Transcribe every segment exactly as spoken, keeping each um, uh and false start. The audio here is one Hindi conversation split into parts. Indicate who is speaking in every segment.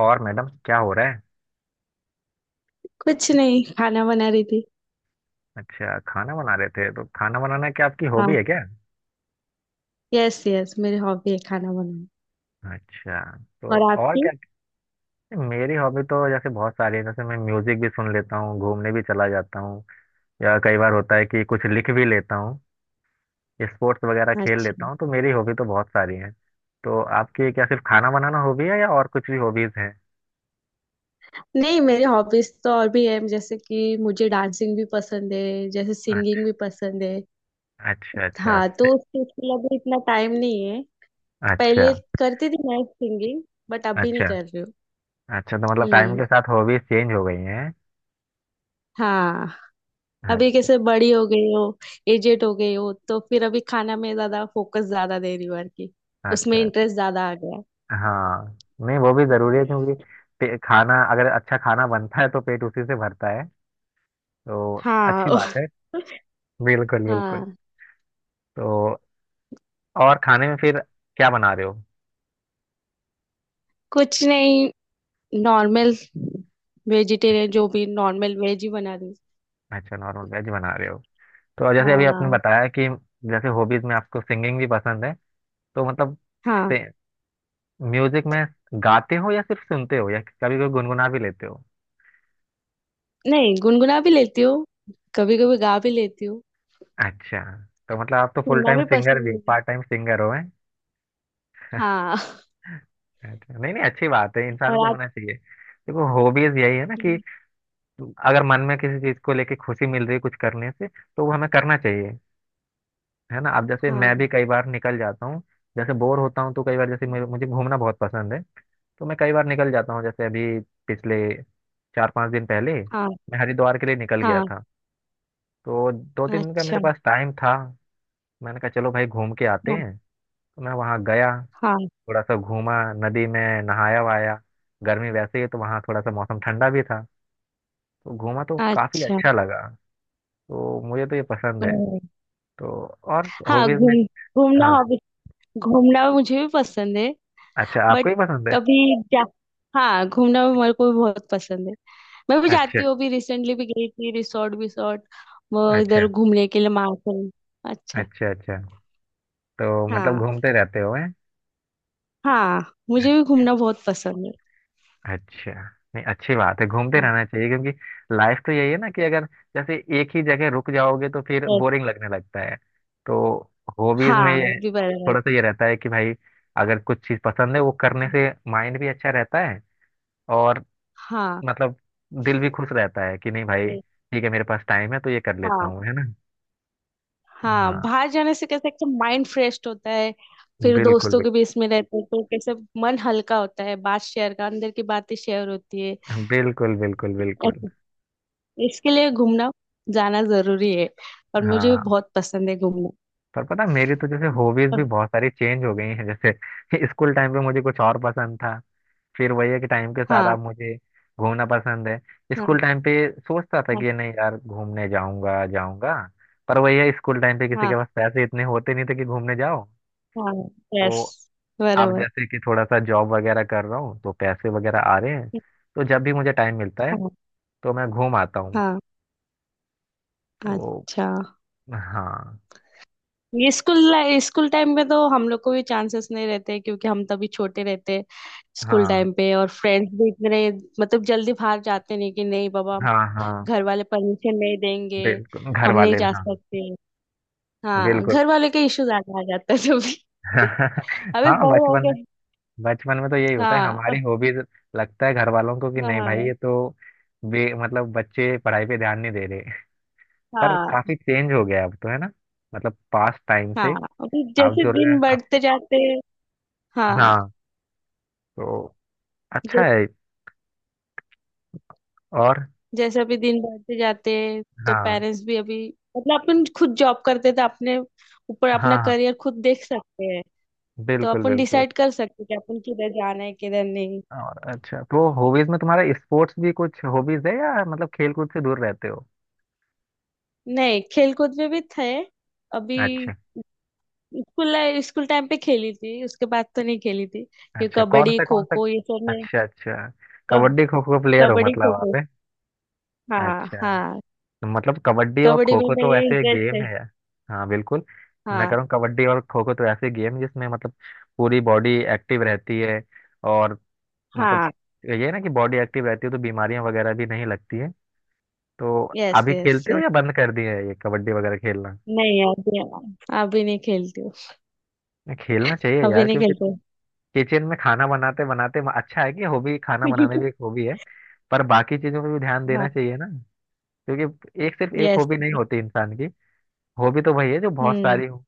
Speaker 1: और मैडम क्या हो रहा है।
Speaker 2: कुछ नहीं। खाना बना रही थी।
Speaker 1: अच्छा खाना बना रहे थे तो खाना बनाना क्या आपकी हॉबी
Speaker 2: हाँ।
Speaker 1: है क्या।
Speaker 2: यस, यस, मेरी हॉबी है खाना बनाना।
Speaker 1: अच्छा। तो
Speaker 2: और
Speaker 1: और
Speaker 2: आपकी?
Speaker 1: क्या। मेरी हॉबी तो जैसे बहुत सारी है। जैसे मैं म्यूजिक भी सुन लेता हूँ, घूमने भी चला जाता हूँ, या कई बार होता है कि कुछ लिख भी लेता हूँ, स्पोर्ट्स वगैरह खेल
Speaker 2: अच्छा।
Speaker 1: लेता हूँ। तो मेरी हॉबी तो बहुत सारी है। तो आपकी क्या सिर्फ खाना बनाना हॉबी है या और कुछ भी हॉबीज हैं।
Speaker 2: नहीं, मेरी हॉबीज तो और भी है, जैसे कि मुझे डांसिंग भी पसंद है, जैसे सिंगिंग भी पसंद है।
Speaker 1: अच्छा अच्छा
Speaker 2: हाँ, तो
Speaker 1: अच्छा।
Speaker 2: उस चीज के लिए अभी इतना टाइम नहीं है।
Speaker 1: अच्छा
Speaker 2: पहले करती थी मैं सिंगिंग। बट अभी नहीं
Speaker 1: अच्छा।
Speaker 2: कर रही हूँ।
Speaker 1: अच्छा तो मतलब टाइम
Speaker 2: हम्म।
Speaker 1: के साथ हॉबीज चेंज हो गई हैं।
Speaker 2: हाँ। अभी
Speaker 1: अच्छा।
Speaker 2: कैसे बड़ी हो गई हो। एजेड हो गई हो, तो फिर अभी खाना में ज्यादा फोकस ज्यादा दे रही हूँ। और की उसमें
Speaker 1: अच्छा।
Speaker 2: इंटरेस्ट ज्यादा आ गया।
Speaker 1: हाँ। नहीं वो भी जरूरी है क्योंकि पे- खाना अगर अच्छा खाना बनता है तो पेट उसी से भरता है। तो अच्छी
Speaker 2: हाँ।
Speaker 1: बात है। बिल्कुल बिल्कुल।
Speaker 2: हाँ।
Speaker 1: तो और खाने में फिर क्या बना रहे हो।
Speaker 2: कुछ नहीं। नॉर्मल। वेजिटेरियन, जो भी नॉर्मल वेज ही बना दी।
Speaker 1: अच्छा नॉर्मल वेज बना रहे हो। तो जैसे अभी आपने
Speaker 2: हाँ।
Speaker 1: बताया कि जैसे हॉबीज में आपको सिंगिंग भी पसंद है, तो मतलब
Speaker 2: हाँ।
Speaker 1: से म्यूजिक में गाते हो या सिर्फ सुनते हो या कभी कभी गुनगुना भी लेते हो।
Speaker 2: नहीं, गुनगुना भी लेती हूँ। कभी कभी गा भी लेती हूँ।
Speaker 1: अच्छा। तो मतलब आप तो फुल
Speaker 2: सुनना
Speaker 1: टाइम
Speaker 2: भी
Speaker 1: सिंगर
Speaker 2: पसंद
Speaker 1: भी
Speaker 2: है।
Speaker 1: पार्ट टाइम सिंगर हो।
Speaker 2: हाँ।
Speaker 1: अच्छा नहीं नहीं अच्छी बात है, इंसान को
Speaker 2: और आप?
Speaker 1: होना चाहिए। देखो हॉबीज यही है ना कि अगर मन में किसी चीज को लेके खुशी मिल रही है कुछ करने से तो वो हमें करना चाहिए। है ना। अब जैसे मैं भी
Speaker 2: हाँ।
Speaker 1: कई बार निकल जाता हूँ, जैसे बोर होता हूँ तो कई बार, जैसे मुझे मुझे घूमना बहुत पसंद है, तो मैं कई बार निकल जाता हूँ। जैसे अभी पिछले चार पांच दिन पहले
Speaker 2: हाँ।
Speaker 1: मैं हरिद्वार के लिए निकल गया
Speaker 2: हाँ।
Speaker 1: था। तो दो तीन दिन का
Speaker 2: अच्छा।
Speaker 1: मेरे पास टाइम था। मैंने कहा चलो भाई घूम के आते
Speaker 2: हाँ।
Speaker 1: हैं। तो मैं वहाँ गया,
Speaker 2: हाँ।
Speaker 1: थोड़ा सा घूमा, नदी में नहाया वहाया। गर्मी वैसे ही है, तो वहाँ थोड़ा सा मौसम ठंडा भी था। तो घूमा तो काफी
Speaker 2: अच्छा।
Speaker 1: अच्छा लगा। तो मुझे तो ये पसंद है।
Speaker 2: ओ।
Speaker 1: तो और
Speaker 2: हाँ,
Speaker 1: हॉबीज में
Speaker 2: घूम, घूमना
Speaker 1: हाँ।
Speaker 2: हॉबी। घूमना मुझे भी पसंद है।
Speaker 1: अच्छा आपको
Speaker 2: बट
Speaker 1: ही पसंद है।
Speaker 2: अभी जा हाँ, घूमना मेरे को भी बहुत पसंद है। मैं भी
Speaker 1: अच्छा
Speaker 2: जाती हूँ, अभी रिसेंटली भी गई थी, रिसोर्ट विसोर्ट। वो
Speaker 1: अच्छा।
Speaker 2: इधर घूमने के लिए मार्केट। अच्छा।
Speaker 1: अच्छा अच्छा। तो मतलब
Speaker 2: हाँ,
Speaker 1: घूमते रहते हो हैं।
Speaker 2: हाँ मुझे भी घूमना बहुत पसंद है।
Speaker 1: अच्छा। नहीं अच्छी बात है, घूमते
Speaker 2: हाँ।
Speaker 1: रहना चाहिए क्योंकि लाइफ तो यही है ना कि अगर जैसे एक ही जगह रुक जाओगे तो फिर
Speaker 2: yes।
Speaker 1: बोरिंग लगने लगता है। तो हॉबीज में
Speaker 2: हाँ, वो
Speaker 1: ये
Speaker 2: भी बराबर।
Speaker 1: थोड़ा सा ये रहता है कि भाई अगर कुछ चीज पसंद है वो करने से माइंड भी अच्छा रहता है और
Speaker 2: हाँ।
Speaker 1: मतलब दिल भी खुश रहता है कि नहीं भाई ठीक है मेरे पास टाइम है तो ये कर लेता
Speaker 2: हाँ।
Speaker 1: हूँ। है ना।
Speaker 2: हाँ,
Speaker 1: हाँ।
Speaker 2: बाहर जाने से कैसे एकदम माइंड फ्रेश होता है। फिर दोस्तों
Speaker 1: बिल्कुल
Speaker 2: के बीच में रहते हैं तो कैसे मन हल्का होता है, बात शेयर का, अंदर की बातें शेयर होती है।
Speaker 1: बिल्कुल बिल्कुल बिल्कुल बिल्कुल।
Speaker 2: ऐसे- इसके लिए घूमना जाना जरूरी है। और मुझे भी
Speaker 1: हाँ
Speaker 2: बहुत पसंद है घूमना।
Speaker 1: पर पता है, मेरी तो जैसे हॉबीज भी
Speaker 2: और-
Speaker 1: बहुत सारी चेंज हो गई हैं। जैसे स्कूल टाइम पे मुझे कुछ और पसंद था। फिर वही है कि टाइम के साथ
Speaker 2: हाँ।
Speaker 1: आप मुझे घूमना पसंद है।
Speaker 2: हाँ।
Speaker 1: स्कूल टाइम पे सोचता था
Speaker 2: हाँ।
Speaker 1: कि नहीं यार घूमने जाऊंगा जाऊंगा। पर वही है, स्कूल टाइम पे किसी
Speaker 2: हाँ।
Speaker 1: के पास पैसे इतने होते नहीं थे कि घूमने जाओ।
Speaker 2: हाँ। यस।
Speaker 1: तो आप
Speaker 2: बराबर।
Speaker 1: जैसे कि थोड़ा सा जॉब वगैरह कर रहा हूँ तो पैसे वगैरह आ रहे हैं। तो जब भी मुझे टाइम मिलता है
Speaker 2: हाँ।
Speaker 1: तो मैं घूम आता हूँ।
Speaker 2: हाँ।
Speaker 1: तो
Speaker 2: अच्छा।
Speaker 1: हाँ।
Speaker 2: ये स्कूल, स्कूल टाइम में तो हम लोग को भी चांसेस नहीं रहते, क्योंकि हम तभी छोटे रहते। स्कूल
Speaker 1: हाँ
Speaker 2: टाइम पे और फ्रेंड्स भी इतने, मतलब जल्दी बाहर जाते नहीं कि नहीं बाबा,
Speaker 1: हाँ। हाँ
Speaker 2: घर वाले परमिशन नहीं देंगे,
Speaker 1: बिल्कुल घर
Speaker 2: हम नहीं
Speaker 1: वाले भी,
Speaker 2: जा
Speaker 1: हाँ
Speaker 2: सकते। हाँ,
Speaker 1: बिल्कुल।
Speaker 2: घर वाले के इश्यूज आ आ जाते हैं तभी। अभी
Speaker 1: हाँ
Speaker 2: बड़े हो
Speaker 1: बचपन।
Speaker 2: गए।
Speaker 1: बचपन में तो यही होता है,
Speaker 2: हाँ।
Speaker 1: हमारी
Speaker 2: अब-
Speaker 1: हॉबीज लगता है घर वालों को कि नहीं
Speaker 2: हाँ।
Speaker 1: भाई ये तो बे मतलब बच्चे पढ़ाई पे ध्यान नहीं दे रहे। पर
Speaker 2: हाँ।
Speaker 1: काफी चेंज हो गया है अब तो, है ना। मतलब पास्ट टाइम
Speaker 2: हाँ।
Speaker 1: से
Speaker 2: अभी
Speaker 1: आप
Speaker 2: जैसे
Speaker 1: जो रहे
Speaker 2: दिन
Speaker 1: आप,
Speaker 2: बढ़ते जाते हैं। हाँ।
Speaker 1: हाँ। तो अच्छा है। और
Speaker 2: जैसे अभी दिन बढ़ते जाते हैं तो
Speaker 1: हाँ
Speaker 2: पेरेंट्स भी अभी, मतलब अपन खुद जॉब करते तो अपने ऊपर अपना
Speaker 1: हाँ हाँ।
Speaker 2: करियर खुद देख सकते हैं। तो
Speaker 1: बिल्कुल
Speaker 2: अपन
Speaker 1: बिल्कुल।
Speaker 2: डिसाइड कर सकते हैं कि अपन किधर जाना है किधर नहीं।
Speaker 1: और अच्छा तो हॉबीज में तुम्हारा स्पोर्ट्स भी कुछ हॉबीज है या मतलब खेल कूद से दूर रहते हो।
Speaker 2: नहीं, खेल कूद में भी थे। अभी
Speaker 1: अच्छा।
Speaker 2: स्कूल, स्कूल टाइम पे खेली थी, उसके बाद तो नहीं खेली थी। ये
Speaker 1: अच्छा कौन
Speaker 2: कबड्डी,
Speaker 1: सा
Speaker 2: खो
Speaker 1: कौन सा।
Speaker 2: खो, ये सब में।
Speaker 1: अच्छा अच्छा।
Speaker 2: कब,
Speaker 1: कबड्डी खो खो प्लेयर हो
Speaker 2: कबड्डी
Speaker 1: मतलब
Speaker 2: खो खो।
Speaker 1: आप है?
Speaker 2: हाँ,
Speaker 1: अच्छा।
Speaker 2: हाँ।
Speaker 1: मतलब कबड्डी और
Speaker 2: कबड्डी
Speaker 1: खो
Speaker 2: में
Speaker 1: खो तो
Speaker 2: मेरे
Speaker 1: ऐसे
Speaker 2: इंटरेस्ट
Speaker 1: गेम
Speaker 2: है।
Speaker 1: है। हाँ बिल्कुल। मैं
Speaker 2: हाँ।
Speaker 1: कह रहा हूँ कबड्डी और खो खो तो ऐसे गेम है जिसमें मतलब पूरी बॉडी एक्टिव रहती है और मतलब
Speaker 2: हाँ।
Speaker 1: ये है ना कि बॉडी एक्टिव रहती है तो बीमारियां वगैरह भी नहीं लगती है। तो
Speaker 2: यस,
Speaker 1: अभी
Speaker 2: यस।
Speaker 1: खेलते हो या बंद कर दिए है ये कबड्डी वगैरह खेलना।
Speaker 2: नहीं, अभी, अभी नहीं खेलती हूँ।
Speaker 1: नहीं, खेलना चाहिए
Speaker 2: अभी
Speaker 1: यार
Speaker 2: नहीं
Speaker 1: क्योंकि
Speaker 2: खेलती।
Speaker 1: किचन में खाना बनाते बनाते, अच्छा है कि हॉबी खाना बनाने भी एक हॉबी है, पर बाकी चीजों पे भी ध्यान
Speaker 2: हाँ।
Speaker 1: देना चाहिए ना। क्योंकि एक सिर्फ एक
Speaker 2: यस।
Speaker 1: हॉबी नहीं होती इंसान की। हॉबी तो वही है जो बहुत
Speaker 2: हम्म।
Speaker 1: सारी हो।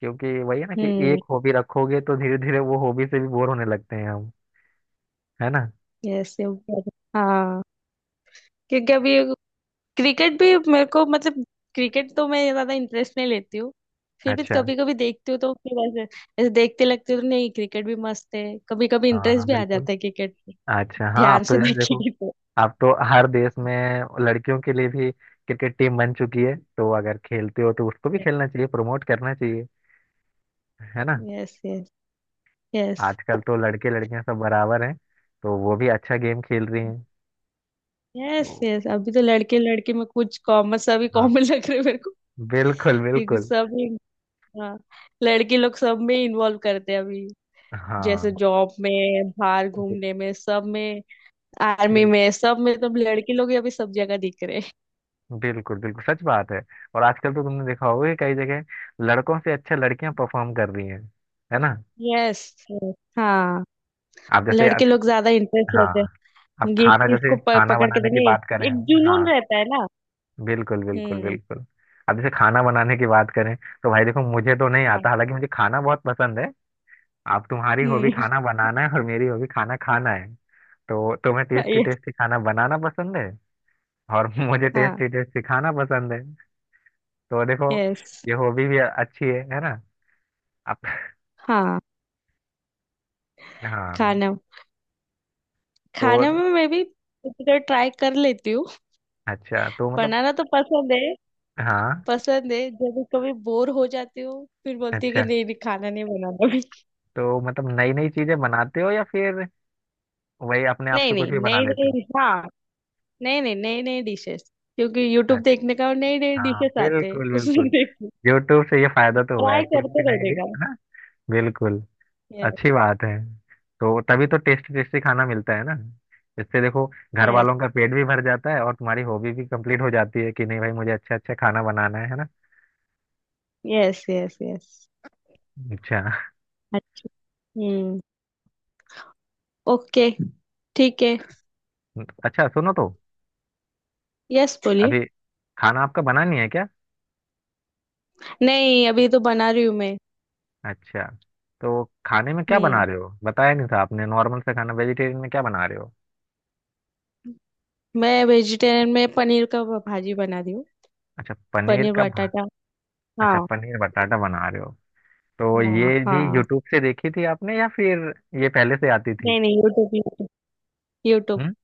Speaker 1: क्योंकि वही है ना कि
Speaker 2: हम्म।
Speaker 1: एक हॉबी रखोगे तो धीरे धीरे वो हॉबी से भी बोर होने लगते हैं हम। है ना।
Speaker 2: यस। हाँ। क्योंकि अभी क्रिकेट भी मेरे को मतलब, क्रिकेट तो मैं ज्यादा इंटरेस्ट नहीं लेती हूँ। फिर भी
Speaker 1: अच्छा
Speaker 2: कभी कभी देखती हूँ, तो फिर ऐसे, ऐसे देखते लगते हूँ तो नहीं, क्रिकेट भी मस्त है, कभी कभी
Speaker 1: हाँ
Speaker 2: इंटरेस्ट
Speaker 1: हाँ
Speaker 2: भी आ
Speaker 1: बिल्कुल।
Speaker 2: जाता है क्रिकेट में।
Speaker 1: अच्छा हाँ
Speaker 2: ध्यान
Speaker 1: आप तो
Speaker 2: से
Speaker 1: जैसे देखो,
Speaker 2: देखेगी तो।
Speaker 1: आप तो हर देश में लड़कियों के लिए भी क्रिकेट टीम बन चुकी है, तो अगर खेलते हो तो उसको भी खेलना चाहिए, प्रमोट करना चाहिए। है ना।
Speaker 2: Yes, yes. यस।
Speaker 1: आजकल तो लड़के लड़कियां सब बराबर हैं, तो वो भी अच्छा गेम खेल रही हैं।
Speaker 2: यस,
Speaker 1: तो
Speaker 2: यस, अभी तो लड़के, लड़के में कुछ कॉमन, सभी
Speaker 1: हाँ
Speaker 2: कॉमन लग रहे हैं मेरे को।
Speaker 1: बिल्कुल
Speaker 2: क्योंकि
Speaker 1: बिल्कुल।
Speaker 2: सब ही- हाँ, लड़के लोग सब में इन्वॉल्व करते हैं अभी। जैसे
Speaker 1: हाँ
Speaker 2: जॉब में, बाहर घूमने में सब में, आर्मी
Speaker 1: बिल-
Speaker 2: में सब में, तो लड़के लोग ही अभी सब जगह दिख रहे हैं।
Speaker 1: बिल्कुल बिल्कुल सच बात है। और आजकल तो तुमने देखा होगा कि कई जगह लड़कों से अच्छा लड़कियां परफॉर्म कर रही हैं। है ना।
Speaker 2: यस। हाँ।
Speaker 1: आप जैसे अब
Speaker 2: लड़के लोग ज्यादा इंटरेस्ट
Speaker 1: हाँ,
Speaker 2: लेते
Speaker 1: अब
Speaker 2: हैं। ये
Speaker 1: खाना
Speaker 2: चीज
Speaker 1: जैसे
Speaker 2: को प,
Speaker 1: खाना
Speaker 2: पकड़ के
Speaker 1: बनाने
Speaker 2: तो
Speaker 1: की
Speaker 2: नहीं,
Speaker 1: बात करें।
Speaker 2: एक
Speaker 1: हाँ
Speaker 2: जुनून रहता है ना।
Speaker 1: बिल्कुल बिल्कुल
Speaker 2: हम्म।
Speaker 1: बिल्कुल। अब जैसे खाना बनाने की बात करें तो भाई देखो मुझे तो नहीं आता,
Speaker 2: हाँ।
Speaker 1: हालांकि मुझे खाना बहुत पसंद है। अब तुम्हारी हॉबी
Speaker 2: हम्म।
Speaker 1: खाना बनाना है और मेरी हॉबी खाना खाना है। तो तुम्हें टेस्टी
Speaker 2: यस।
Speaker 1: टेस्टी खाना बनाना पसंद है और मुझे
Speaker 2: हाँ।
Speaker 1: टेस्टी टेस्टी खाना पसंद है। तो देखो
Speaker 2: यस।
Speaker 1: ये हॉबी भी अच्छी है है ना।
Speaker 2: हाँ।
Speaker 1: हाँ।
Speaker 2: खाना,
Speaker 1: तो
Speaker 2: खाने में मैं भी तो ट्राई कर लेती हूँ।
Speaker 1: अच्छा तो मतलब
Speaker 2: बनाना तो पसंद है।
Speaker 1: हाँ।
Speaker 2: पसंद है, जब भी कभी बोर हो जाती हूँ फिर बोलती हूँ कि
Speaker 1: अच्छा
Speaker 2: नहीं नहीं, खाना नहीं बनाना। अभी
Speaker 1: तो मतलब नई नई चीजें बनाते हो या फिर वही अपने आप
Speaker 2: नहीं
Speaker 1: से कुछ
Speaker 2: नहीं
Speaker 1: भी बना
Speaker 2: नहीं
Speaker 1: लेते हो।
Speaker 2: नहीं, हाँ नहीं नहीं, नई नई डिशेस, क्योंकि यूट्यूब
Speaker 1: अच्छा।
Speaker 2: देखने का और नई नई
Speaker 1: हाँ
Speaker 2: डिशेस आते हैं
Speaker 1: बिल्कुल
Speaker 2: उसमें
Speaker 1: बिल्कुल।
Speaker 2: देख।
Speaker 1: यूट्यूब से ये फायदा तो हुआ
Speaker 2: ट्राई
Speaker 1: है कुछ भी
Speaker 2: करते
Speaker 1: नई
Speaker 2: रहने
Speaker 1: डिश
Speaker 2: का।
Speaker 1: है ना। बिल्कुल। अच्छी बात है। तो तभी तो टेस्टी टेस्टी खाना मिलता है ना। इससे देखो घर
Speaker 2: यस,
Speaker 1: वालों का पेट भी भर जाता है और तुम्हारी हॉबी भी कंप्लीट हो जाती है कि नहीं भाई मुझे अच्छा अच्छा खाना बनाना है। है ना।
Speaker 2: Yes, yes, yes.
Speaker 1: अच्छा।
Speaker 2: अच्छा। हम्म। ओके। ठीक है।
Speaker 1: अच्छा सुनो तो,
Speaker 2: यस, बोलिए।
Speaker 1: अभी खाना आपका बना नहीं है क्या।
Speaker 2: नहीं, अभी तो बना रही हूँ मैं।
Speaker 1: अच्छा। तो खाने में क्या बना
Speaker 2: हम्म।
Speaker 1: रहे हो, बताया नहीं था आपने, नॉर्मल से खाना वेजिटेरियन में क्या बना रहे हो।
Speaker 2: मैं वेजिटेरियन में पनीर का भा- भाजी बना रही हूँ।
Speaker 1: अच्छा पनीर
Speaker 2: पनीर
Speaker 1: का भा...
Speaker 2: बटाटा।
Speaker 1: अच्छा
Speaker 2: हाँ।
Speaker 1: पनीर बटाटा बना रहे हो। तो
Speaker 2: हाँ,
Speaker 1: ये भी
Speaker 2: हाँ।
Speaker 1: यूट्यूब से देखी थी आपने या फिर ये पहले से आती थी।
Speaker 2: नहीं नहीं, यूट्यूब, यूट्यूब।
Speaker 1: हम्म।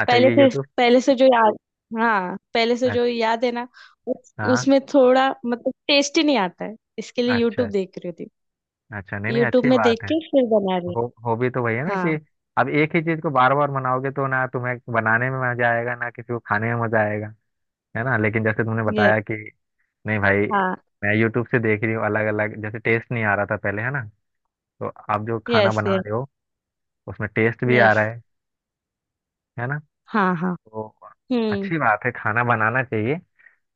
Speaker 1: अच्छा
Speaker 2: पहले
Speaker 1: ये
Speaker 2: से,
Speaker 1: यूट्यूब।
Speaker 2: पहले से जो याद, हाँ पहले से जो
Speaker 1: अच्छा
Speaker 2: याद है ना। उस,
Speaker 1: हाँ।
Speaker 2: उसमें थोड़ा मतलब टेस्ट ही नहीं आता है, इसके लिए
Speaker 1: अच्छा
Speaker 2: यूट्यूब देख रही थी।
Speaker 1: अच्छा। नहीं नहीं
Speaker 2: यूट्यूब
Speaker 1: अच्छी
Speaker 2: में
Speaker 1: बात
Speaker 2: देख
Speaker 1: है।
Speaker 2: के फिर बना रही हूँ।
Speaker 1: हो हॉबी तो वही है ना कि
Speaker 2: हाँ।
Speaker 1: अब एक ही चीज को बार बार बनाओगे तो ना तुम्हें बनाने में मजा आएगा ना किसी को खाने में मजा आएगा। है ना। लेकिन जैसे तुमने
Speaker 2: यस।
Speaker 1: बताया कि नहीं भाई
Speaker 2: हाँ।
Speaker 1: मैं यूट्यूब से देख रही हूँ अलग अलग, जैसे टेस्ट नहीं आ रहा था पहले, है ना। तो आप जो खाना
Speaker 2: यस,
Speaker 1: बना
Speaker 2: यस,
Speaker 1: रहे हो उसमें टेस्ट भी आ
Speaker 2: यस।
Speaker 1: रहा है है ना।
Speaker 2: हाँ, हाँ।
Speaker 1: तो
Speaker 2: हम्म।
Speaker 1: अच्छी बात है, खाना बनाना चाहिए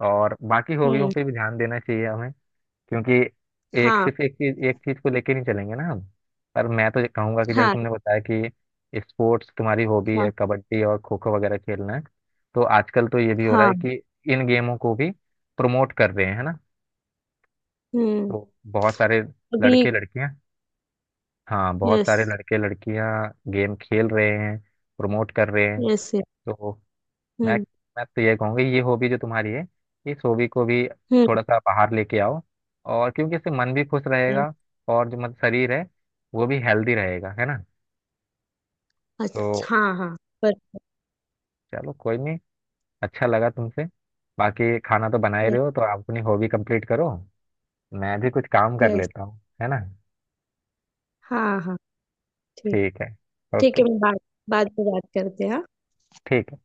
Speaker 1: और बाकी हॉबियों
Speaker 2: हम्म।
Speaker 1: पे भी ध्यान देना चाहिए हमें। क्योंकि एक
Speaker 2: हाँ,
Speaker 1: सिर्फ एक चीज एक चीज को लेके नहीं चलेंगे ना हम। पर मैं तो ये कहूंगा कि जैसे
Speaker 2: हाँ,
Speaker 1: तुमने बताया कि स्पोर्ट्स तुम्हारी हॉबी
Speaker 2: हाँ,
Speaker 1: है, कबड्डी और खो खो वगैरह खेलना है, तो आजकल तो ये भी हो रहा है
Speaker 2: हाँ।
Speaker 1: कि इन गेमों को भी प्रमोट कर रहे हैं, है ना।
Speaker 2: हम्म।
Speaker 1: तो बहुत सारे
Speaker 2: अभी।
Speaker 1: लड़के लड़कियां, हाँ बहुत
Speaker 2: यस,
Speaker 1: सारे लड़के लड़कियां गेम खेल रहे हैं, प्रमोट कर रहे हैं।
Speaker 2: यस।
Speaker 1: तो मैं
Speaker 2: हम्म।
Speaker 1: मैं तो ये कहूँगी ये हॉबी जो तुम्हारी है, इस हॉबी को भी
Speaker 2: हम्म।
Speaker 1: थोड़ा सा बाहर लेके आओ। और क्योंकि इससे मन भी खुश रहेगा और जो मतलब शरीर है वो भी हेल्दी रहेगा, है ना। तो
Speaker 2: अच्छा। हाँ, हाँ। पर,
Speaker 1: चलो कोई नहीं, अच्छा लगा तुमसे। बाकी खाना तो बना ही रहे
Speaker 2: यस,
Speaker 1: हो तो आप अपनी हॉबी कंप्लीट करो, मैं भी कुछ काम कर
Speaker 2: यस,
Speaker 1: लेता हूँ, है ना।
Speaker 2: हाँ, हाँ, ठीक।
Speaker 1: ठीक है।
Speaker 2: ठीक है,
Speaker 1: ओके।
Speaker 2: मैं बाद बाद में बात करते हैं, हाँ?
Speaker 1: ठीक है।